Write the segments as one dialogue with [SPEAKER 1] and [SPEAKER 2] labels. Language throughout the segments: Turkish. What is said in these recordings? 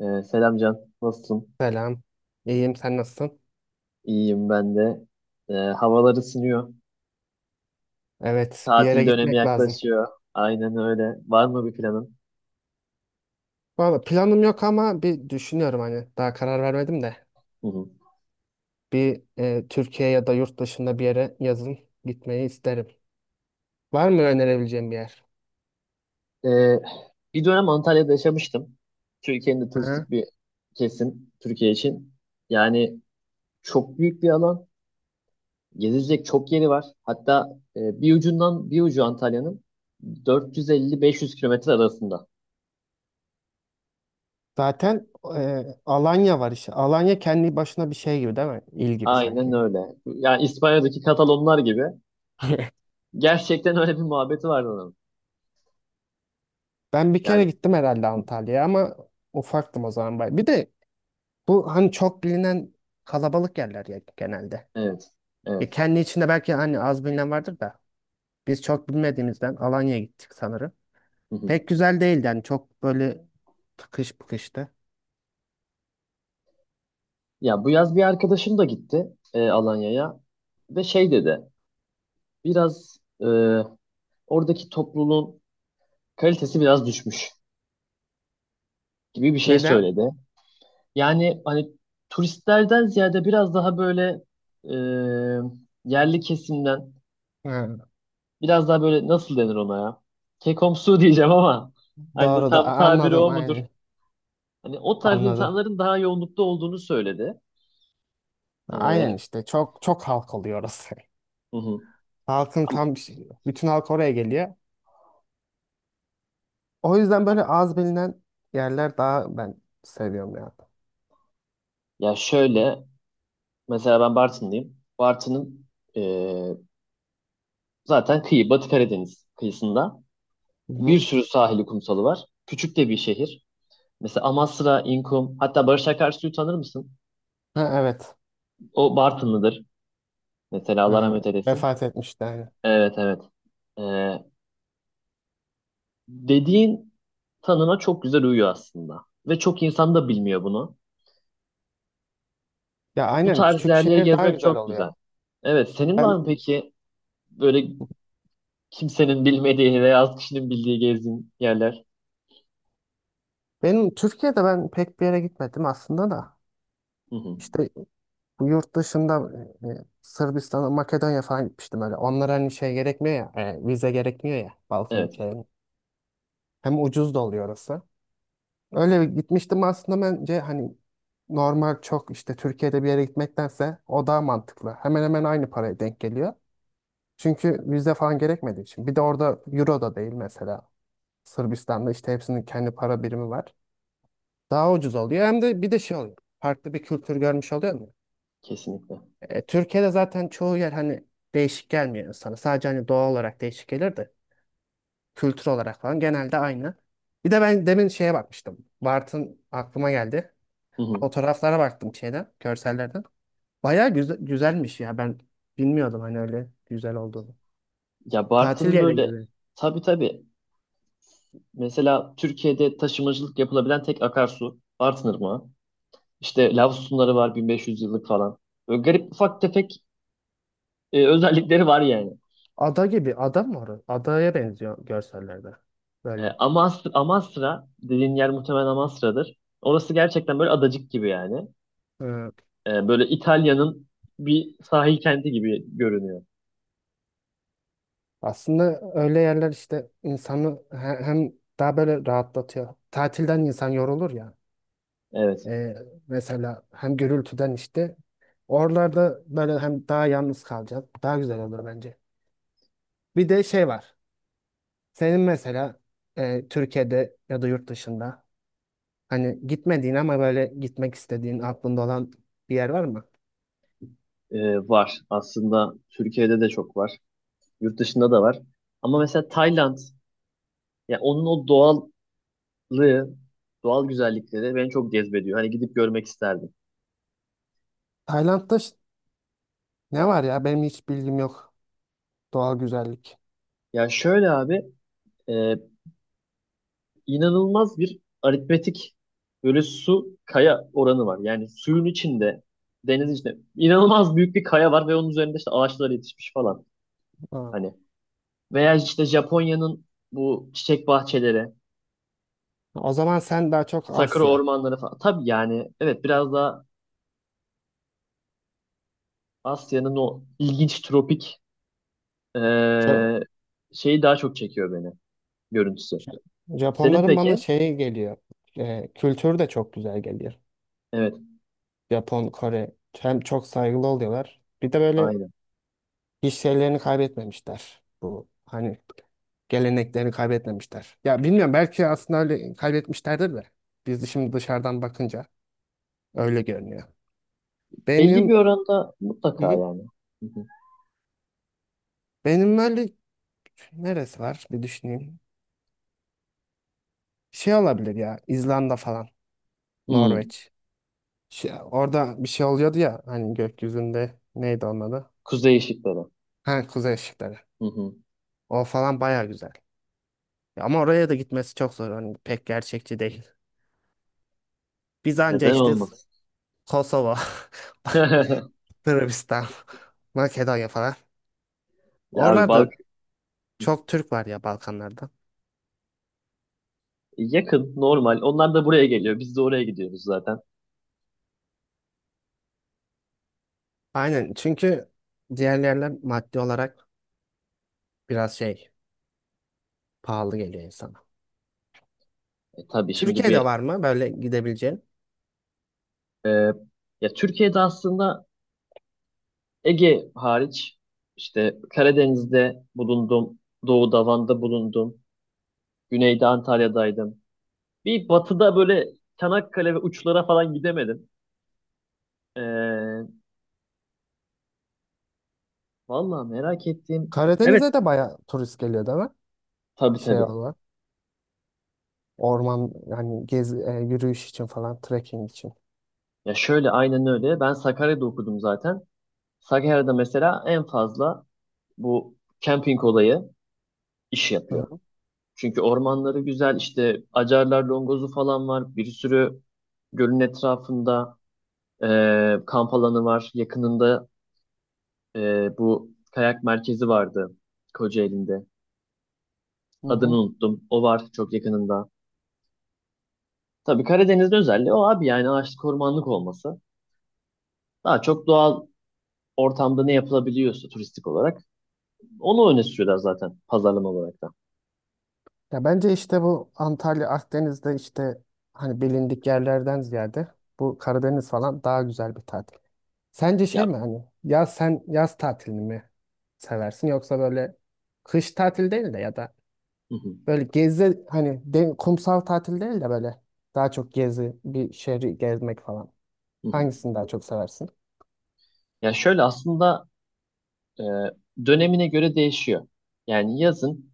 [SPEAKER 1] Selam Can, nasılsın?
[SPEAKER 2] Selam. İyiyim, sen nasılsın?
[SPEAKER 1] İyiyim ben de. Havalar ısınıyor.
[SPEAKER 2] Evet, bir yere
[SPEAKER 1] Tatil dönemi
[SPEAKER 2] gitmek lazım.
[SPEAKER 1] yaklaşıyor. Aynen öyle. Var mı bir planın?
[SPEAKER 2] Valla planım yok ama bir düşünüyorum hani daha karar vermedim de.
[SPEAKER 1] Hı hı.
[SPEAKER 2] Türkiye ya da yurt dışında bir yere yazın gitmeyi isterim. Var mı önerebileceğim bir yer?
[SPEAKER 1] Ee, Bir dönem Antalya'da yaşamıştım. Türkiye'nin de
[SPEAKER 2] Hı.
[SPEAKER 1] turistik bir kesim Türkiye için. Yani çok büyük bir alan. Gezilecek çok yeri var. Hatta bir ucundan bir ucu Antalya'nın 450-500 kilometre arasında.
[SPEAKER 2] Zaten Alanya var işte. Alanya kendi başına bir şey gibi değil mi? İl gibi
[SPEAKER 1] Aynen
[SPEAKER 2] sanki.
[SPEAKER 1] öyle. Yani İspanya'daki Katalonlar gibi. Gerçekten öyle bir muhabbeti vardı onun.
[SPEAKER 2] Ben bir kere gittim herhalde Antalya'ya ama ufaktım o zaman. Bir de bu hani çok bilinen kalabalık yerler ya genelde.
[SPEAKER 1] Evet, evet.
[SPEAKER 2] Kendi içinde belki hani az bilinen vardır da. Biz çok bilmediğimizden Alanya'ya gittik sanırım.
[SPEAKER 1] Hı hı.
[SPEAKER 2] Pek güzel değildi yani çok böyle tıkış bıkıştı.
[SPEAKER 1] Ya bu yaz bir arkadaşım da gitti Alanya'ya ve şey dedi, biraz oradaki topluluğun kalitesi biraz düşmüş gibi bir şey
[SPEAKER 2] Neden?
[SPEAKER 1] söyledi. Yani hani turistlerden ziyade biraz daha böyle e, yerli kesimden,
[SPEAKER 2] Ha,
[SPEAKER 1] biraz daha böyle nasıl denir ona ya? Kekomsu diyeceğim ama hani
[SPEAKER 2] doğru da
[SPEAKER 1] tam tabiri
[SPEAKER 2] anladım
[SPEAKER 1] o mudur?
[SPEAKER 2] aynen.
[SPEAKER 1] Hani o tarz
[SPEAKER 2] Anladım.
[SPEAKER 1] insanların daha yoğunlukta olduğunu söyledi.
[SPEAKER 2] Aynen
[SPEAKER 1] Hı
[SPEAKER 2] işte çok çok halk oluyor orası.
[SPEAKER 1] hı.
[SPEAKER 2] Halkın
[SPEAKER 1] Ama-
[SPEAKER 2] tam bütün halk oraya geliyor. O yüzden böyle az bilinen yerler daha ben seviyorum ya.
[SPEAKER 1] Ya şöyle. Mesela ben Bartın'dayım. Bartın'ın eee, zaten kıyı, Batı Karadeniz kıyısında
[SPEAKER 2] Hı
[SPEAKER 1] bir
[SPEAKER 2] hı.
[SPEAKER 1] sürü sahili kumsalı var. Küçük de bir şehir. Mesela Amasra, İnkum, hatta Barış Akarsu'yu tanır mısın?
[SPEAKER 2] Ha, evet.
[SPEAKER 1] O Bartınlıdır. Mesela Allah
[SPEAKER 2] Ha,
[SPEAKER 1] rahmet eylesin.
[SPEAKER 2] vefat etmişti yani.
[SPEAKER 1] Evet, evet. Eee, Dediğin tanıma çok güzel uyuyor aslında. Ve çok insan da bilmiyor bunu.
[SPEAKER 2] Ya
[SPEAKER 1] Bu
[SPEAKER 2] aynen
[SPEAKER 1] tarz
[SPEAKER 2] küçük
[SPEAKER 1] yerleri
[SPEAKER 2] şehir daha
[SPEAKER 1] gezmek
[SPEAKER 2] güzel
[SPEAKER 1] çok güzel.
[SPEAKER 2] oluyor.
[SPEAKER 1] Evet, senin var mı
[SPEAKER 2] Ben,
[SPEAKER 1] peki böyle kimsenin bilmediği veya az kişinin bildiği gezdiğin yerler?
[SPEAKER 2] benim Türkiye'de ben pek bir yere gitmedim aslında da.
[SPEAKER 1] Hı hı.
[SPEAKER 2] İşte bu yurt dışında Sırbistan'a, Makedonya falan gitmiştim öyle. Onlara hani şey gerekmiyor ya, vize gerekmiyor ya Balkan
[SPEAKER 1] Evet.
[SPEAKER 2] ülkelerine. Hem ucuz da oluyor orası. Öyle bir gitmiştim aslında bence hani normal çok işte Türkiye'de bir yere gitmektense o daha mantıklı. Hemen hemen aynı paraya denk geliyor. Çünkü vize falan gerekmediği için. Bir de orada euro da değil mesela. Sırbistan'da işte hepsinin kendi para birimi var. Daha ucuz oluyor. Hem de bir de şey oluyor. Farklı bir kültür görmüş oluyor.
[SPEAKER 1] Kesinlikle.
[SPEAKER 2] Türkiye'de zaten çoğu yer hani değişik gelmiyor insana. Sadece hani doğa olarak değişik gelir de kültür olarak falan genelde aynı. Bir de ben demin şeye bakmıştım. Bartın aklıma geldi.
[SPEAKER 1] Hı hı.
[SPEAKER 2] Fotoğraflara baktım şeyden, görsellerden. Bayağı güzelmiş ya. Ben bilmiyordum hani öyle güzel olduğunu.
[SPEAKER 1] Ya
[SPEAKER 2] Tatil
[SPEAKER 1] Bartın
[SPEAKER 2] yeri
[SPEAKER 1] böyle
[SPEAKER 2] gibi.
[SPEAKER 1] tabii tabii. Mesela Türkiye'de taşımacılık yapılabilen tek akarsu Bartın Irmağı. İşte lav sütunları var 1500 yıllık falan. Böyle garip ufak tefek özellikleri var yani.
[SPEAKER 2] Ada gibi. Ada mı orası? Adaya benziyor görsellerde. Böyle.
[SPEAKER 1] Amasra, Amasra dediğin yer muhtemelen Amasra'dır. Orası gerçekten böyle adacık gibi yani.
[SPEAKER 2] e,
[SPEAKER 1] Böyle İtalya'nın bir sahil kenti gibi görünüyor.
[SPEAKER 2] aslında öyle yerler işte insanı hem daha böyle rahatlatıyor. Tatilden insan yorulur ya.
[SPEAKER 1] Evet,
[SPEAKER 2] Ee, mesela hem gürültüden işte oralarda böyle hem daha yalnız kalacağız. Daha güzel olur bence. Bir de şey var. Senin mesela Türkiye'de ya da yurt dışında hani gitmediğin ama böyle gitmek istediğin aklında olan bir yer var mı?
[SPEAKER 1] var. Aslında Türkiye'de de çok var. Yurt dışında da var. Ama mesela Tayland, ya onun o doğal doğallığı, doğal güzellikleri beni çok cezbediyor. Hani gidip görmek isterdim.
[SPEAKER 2] Tayland'da ne var ya? Benim hiç bilgim yok. Doğal güzellik.
[SPEAKER 1] Ya şöyle abi, e, inanılmaz bir aritmetik böyle su kaya oranı var. Yani suyun içinde, denizin içinde inanılmaz büyük bir kaya var ve onun üzerinde işte ağaçlar yetişmiş falan.
[SPEAKER 2] Aa.
[SPEAKER 1] Hani veya işte Japonya'nın bu çiçek bahçeleri,
[SPEAKER 2] O zaman sen daha çok
[SPEAKER 1] sakura
[SPEAKER 2] Asya.
[SPEAKER 1] ormanları falan. Tabii yani evet biraz daha Asya'nın o ilginç tropik e,
[SPEAKER 2] Ja-
[SPEAKER 1] şeyi daha çok çekiyor beni görüntüsü.
[SPEAKER 2] Ja-
[SPEAKER 1] Senin
[SPEAKER 2] Japonların bana
[SPEAKER 1] peki?
[SPEAKER 2] şeyi geliyor. Kültürü de çok güzel geliyor.
[SPEAKER 1] Evet.
[SPEAKER 2] Japon, Kore. Hem çok saygılı oluyorlar. Bir de böyle
[SPEAKER 1] Aynen.
[SPEAKER 2] hiç şeylerini kaybetmemişler. Bu hani geleneklerini kaybetmemişler. Ya bilmiyorum belki aslında öyle kaybetmişlerdir de. Biz şimdi dışarıdan bakınca öyle görünüyor.
[SPEAKER 1] Belli bir
[SPEAKER 2] Benim
[SPEAKER 1] oranda
[SPEAKER 2] Hı
[SPEAKER 1] mutlaka
[SPEAKER 2] hı.
[SPEAKER 1] yani. Hı hı.
[SPEAKER 2] Benim böyle neresi var, bir düşüneyim. Şey olabilir ya İzlanda falan.
[SPEAKER 1] Hmm,
[SPEAKER 2] Norveç. Şey, orada bir şey oluyordu ya hani gökyüzünde neydi onun adı?
[SPEAKER 1] kuzey ışıkları.
[SPEAKER 2] Ha, kuzey ışıkları.
[SPEAKER 1] Hı hı.
[SPEAKER 2] O falan baya güzel. Ya, ama oraya da gitmesi çok zor. Hani pek gerçekçi değil. Biz anca
[SPEAKER 1] Neden
[SPEAKER 2] işte
[SPEAKER 1] olmasın?
[SPEAKER 2] Kosova, Sırbistan, Makedonya falan.
[SPEAKER 1] Ya abi bak
[SPEAKER 2] Oralarda çok Türk var ya Balkanlarda.
[SPEAKER 1] yakın normal. Onlar da buraya geliyor. Biz de oraya gidiyoruz zaten.
[SPEAKER 2] Aynen çünkü diğer yerler maddi olarak biraz şey pahalı geliyor insana.
[SPEAKER 1] Tabii şimdi
[SPEAKER 2] Türkiye'de
[SPEAKER 1] bir
[SPEAKER 2] var mı böyle gidebileceğin?
[SPEAKER 1] e, ya Türkiye'de aslında Ege hariç işte Karadeniz'de bulundum. Doğu'da Van'da bulundum. Güneyde Antalya'daydım. Bir batıda böyle Çanakkale ve uçlara falan gidemedim. E, Vallahi merak ettiğim. Evet
[SPEAKER 2] Karadeniz'e de baya turist geliyor değil mi?
[SPEAKER 1] tabii
[SPEAKER 2] Şey
[SPEAKER 1] tabii.
[SPEAKER 2] olarak. Orman yani yürüyüş için falan trekking için.
[SPEAKER 1] Ya şöyle aynen öyle. Ben Sakarya'da okudum zaten. Sakarya'da mesela en fazla bu camping olayı iş
[SPEAKER 2] Hı
[SPEAKER 1] yapıyor.
[SPEAKER 2] hı.
[SPEAKER 1] Çünkü ormanları güzel işte Acarlar Longozu falan var. Bir sürü gölün etrafında kamp alanı var. Yakınında bu kayak merkezi vardı Kocaeli'nde.
[SPEAKER 2] Hı
[SPEAKER 1] Adını
[SPEAKER 2] hı.
[SPEAKER 1] unuttum. O var çok yakınında. Tabii Karadeniz'in özelliği o abi yani ağaçlık ormanlık olması. Daha çok doğal ortamda ne yapılabiliyorsa turistik olarak onu öne sürüyorlar zaten pazarlama olarak da.
[SPEAKER 2] Ya bence işte bu Antalya Akdeniz'de işte hani bilindik yerlerden ziyade bu Karadeniz falan daha güzel bir tatil. Sence şey
[SPEAKER 1] Ya,
[SPEAKER 2] mi hani ya sen yaz tatilini mi seversin yoksa böyle kış tatil değil de ya da
[SPEAKER 1] hı hı,
[SPEAKER 2] böyle gezi hani kumsal tatil değil de böyle daha çok gezi bir şehri gezmek falan.
[SPEAKER 1] hı hı.
[SPEAKER 2] Hangisini daha çok seversin?
[SPEAKER 1] Ya şöyle aslında e, dönemine göre değişiyor. Yani yazın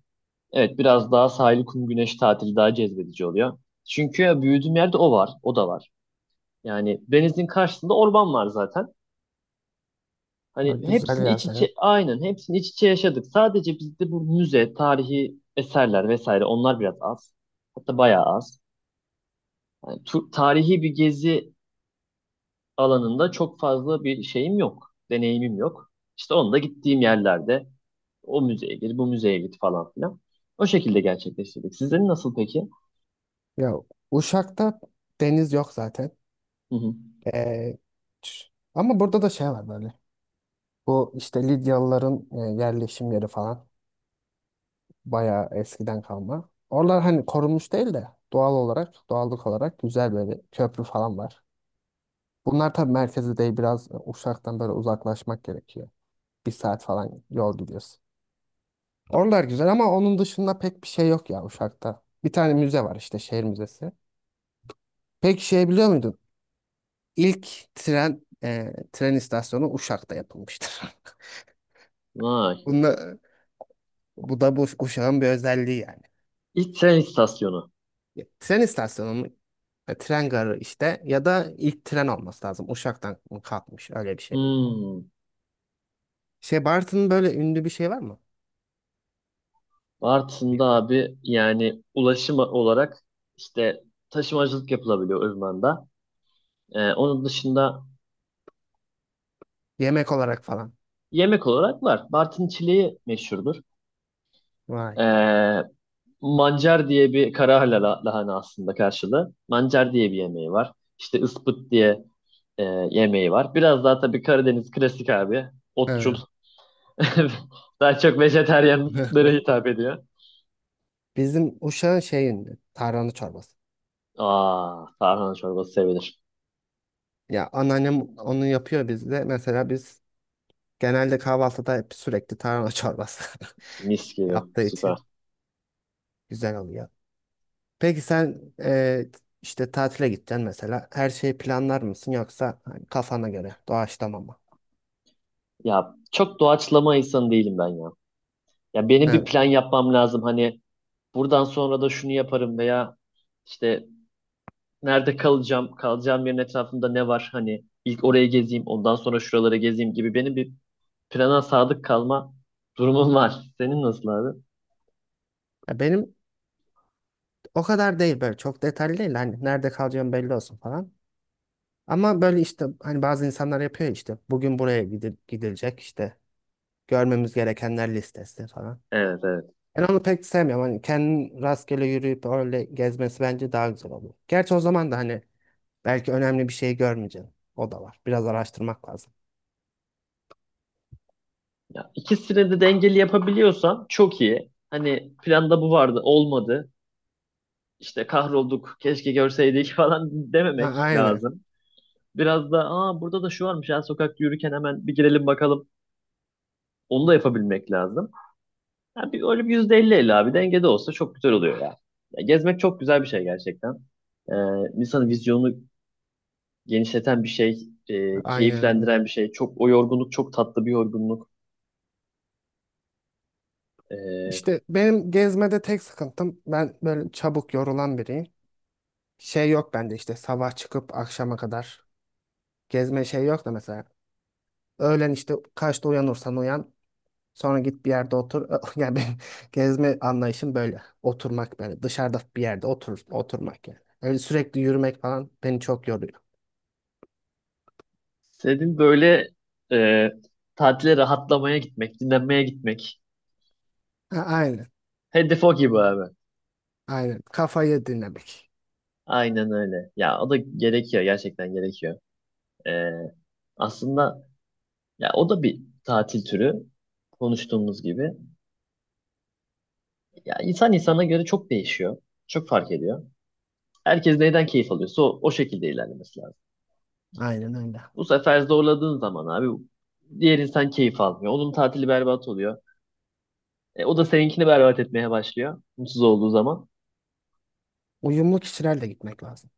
[SPEAKER 1] evet biraz daha sahil, kum, güneş tatili daha cezbedici oluyor. Çünkü ya büyüdüğüm yerde o var, o da var. Yani denizin karşısında orman var zaten. Hani
[SPEAKER 2] Böyle güzel
[SPEAKER 1] hepsini iç
[SPEAKER 2] yaz
[SPEAKER 1] içe, aynen hepsini iç içe yaşadık. Sadece bizde bu müze, tarihi eserler vesaire onlar biraz az. Hatta bayağı az. Yani tarihi bir gezi alanında çok fazla bir şeyim yok. Deneyimim yok. İşte onda gittiğim yerlerde o müzeye gir, bu müzeye git falan filan. O şekilde gerçekleştirdik. Sizin nasıl peki?
[SPEAKER 2] Ya Uşak'ta deniz yok zaten.
[SPEAKER 1] Hı hı.
[SPEAKER 2] Ee, ç- ama burada da şey var böyle. Bu işte Lidyalıların yerleşim yeri falan. Bayağı eskiden kalma. Oralar hani korunmuş değil de doğal olarak, doğallık olarak güzel böyle köprü falan var. Bunlar tabii merkezi değil, biraz Uşak'tan böyle uzaklaşmak gerekiyor. Bir saat falan yol gidiyorsun. Oralar güzel ama onun dışında pek bir şey yok ya Uşak'ta. Bir tane müze var işte şehir müzesi. Peki şey biliyor muydun? İlk tren istasyonu Uşak'ta yapılmıştır.
[SPEAKER 1] Vay.
[SPEAKER 2] Bunla, bu da bu Uşak'ın bir özelliği yani.
[SPEAKER 1] İlk tren istasyonu.
[SPEAKER 2] Ya, tren istasyonu mu? Ya, tren garı işte ya da ilk tren olması lazım. Uşak'tan mı kalkmış öyle bir şey.
[SPEAKER 1] Hmm.
[SPEAKER 2] Şey Bartın'ın böyle ünlü bir şey var mı?
[SPEAKER 1] Bartın'da
[SPEAKER 2] Yem-
[SPEAKER 1] abi yani ulaşım olarak işte taşımacılık yapılabiliyor Irman'da. Onun dışında
[SPEAKER 2] Yemek olarak falan.
[SPEAKER 1] yemek olarak var. Bartın çileği meşhurdur.
[SPEAKER 2] Vay.
[SPEAKER 1] Ee, Mancar diye bir kara lahana aslında karşılığı. Mancar diye bir yemeği var. İşte ıspıt diye e, yemeği var. Biraz daha tabii Karadeniz klasik abi. Otçul.
[SPEAKER 2] He.
[SPEAKER 1] Daha çok vejetaryenlere hitap ediyor.
[SPEAKER 2] Bizim Uşak'ın şey ünlü. Tarhana çorbası.
[SPEAKER 1] Aa, tarhana çorbası sevilir.
[SPEAKER 2] Ya anneannem onu yapıyor bizde. Mesela biz genelde kahvaltıda hep sürekli tarhana çorbası
[SPEAKER 1] Mis gibi.
[SPEAKER 2] yaptığı
[SPEAKER 1] Süper.
[SPEAKER 2] için güzel oluyor. Peki sen işte tatile gideceksin mesela. Her şeyi planlar mısın yoksa hani kafana göre doğaçlama mı?
[SPEAKER 1] Ya çok doğaçlama insanı değilim ben ya. Ya benim
[SPEAKER 2] Ha,
[SPEAKER 1] bir plan yapmam lazım. Hani buradan sonra da şunu yaparım veya işte nerede kalacağım, kalacağım yerin etrafında ne var hani ilk orayı gezeyim, ondan sonra şuraları gezeyim gibi benim bir plana sadık kalma durumum var. Senin nasıl abi?
[SPEAKER 2] ya benim o kadar değil böyle çok detaylı değil. Hani nerede kalacağım belli olsun falan. Ama böyle işte hani bazı insanlar yapıyor ya işte bugün buraya gidilecek işte görmemiz gerekenler listesi falan.
[SPEAKER 1] Evet evet.
[SPEAKER 2] Ben onu pek sevmiyorum. Hani kendin rastgele yürüyüp öyle gezmesi bence daha güzel oluyor. Gerçi o zaman da hani belki önemli bir şey görmeyeceksin. O da var. Biraz araştırmak lazım.
[SPEAKER 1] Ya, ikisini de dengeli yapabiliyorsan çok iyi. Hani planda bu vardı, olmadı. İşte kahrolduk, keşke görseydik falan
[SPEAKER 2] Ha,
[SPEAKER 1] dememek
[SPEAKER 2] aynen.
[SPEAKER 1] lazım. Biraz da aa burada da şu varmış ya sokakta yürürken hemen bir girelim bakalım. Onu da yapabilmek lazım. Ha, bir, öyle bir yüzde elli 50 abi dengede olsa çok güzel oluyor ya. Ya gezmek çok güzel bir şey gerçekten. Ee, insanın vizyonunu genişleten bir şey,
[SPEAKER 2] Aynen öyle.
[SPEAKER 1] keyiflendiren bir şey. Çok o yorgunluk çok tatlı bir yorgunluk. Ee,
[SPEAKER 2] İşte benim gezmede tek sıkıntım, ben böyle çabuk yorulan biriyim. Şey yok bende işte sabah çıkıp akşama kadar gezme şey yok da mesela. Öğlen işte kaçta uyanırsan uyan, sonra git bir yerde otur. Yani benim gezme anlayışım böyle oturmak, böyle dışarıda bir yerde otur, oturmak yani. Öyle sürekli yürümek falan beni çok yoruyor.
[SPEAKER 1] Senin böyle e, tatile rahatlamaya gitmek, dinlenmeye gitmek.
[SPEAKER 2] Ha, aynen
[SPEAKER 1] Hedef o gibi abi.
[SPEAKER 2] aynen, kafayı dinlemek.
[SPEAKER 1] Aynen öyle. Ya o da gerekiyor gerçekten gerekiyor. Ee, Aslında ya o da bir tatil türü konuştuğumuz gibi. Ya insan insana göre çok değişiyor. Çok fark ediyor. Herkes neyden keyif alıyorsa o şekilde ilerlemesi lazım.
[SPEAKER 2] Aynen öyle.
[SPEAKER 1] Bu sefer zorladığın zaman abi diğer insan keyif almıyor. Onun tatili berbat oluyor. O da seninkini berbat etmeye başlıyor. Mutsuz olduğu zaman.
[SPEAKER 2] Uyumlu kişilerle gitmek lazım.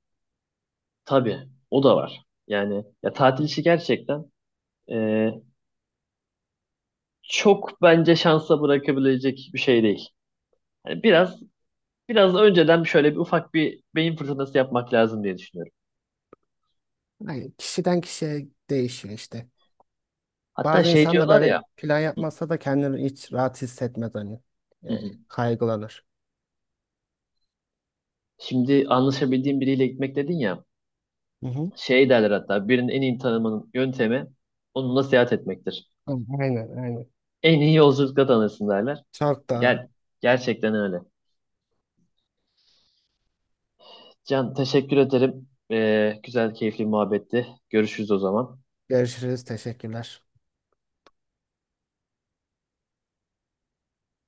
[SPEAKER 1] Tabii o da var. Yani ya tatil işi gerçekten e, çok bence şansa bırakabilecek bir şey değil. Yani biraz önceden şöyle bir ufak bir beyin fırtınası yapmak lazım diye düşünüyorum.
[SPEAKER 2] Yani kişiden kişiye değişiyor işte.
[SPEAKER 1] Hatta
[SPEAKER 2] Bazı
[SPEAKER 1] şey
[SPEAKER 2] insan da
[SPEAKER 1] diyorlar ya.
[SPEAKER 2] böyle plan yapmazsa da kendini hiç rahat hissetmez hani.
[SPEAKER 1] Hı
[SPEAKER 2] E,
[SPEAKER 1] hı.
[SPEAKER 2] kaygılanır.
[SPEAKER 1] Şimdi anlaşabildiğin biriyle gitmek dedin ya,
[SPEAKER 2] Hı hı.
[SPEAKER 1] şey derler hatta birinin en iyi tanımanın yöntemi onunla seyahat etmektir.
[SPEAKER 2] Aynen aynen.
[SPEAKER 1] En iyi yolculukla tanırsın derler.
[SPEAKER 2] Çok
[SPEAKER 1] Gel,
[SPEAKER 2] doğru.
[SPEAKER 1] gerçekten öyle. Can teşekkür ederim. Güzel, keyifli bir muhabbetti. Görüşürüz o zaman.
[SPEAKER 2] Görüşürüz. Teşekkürler.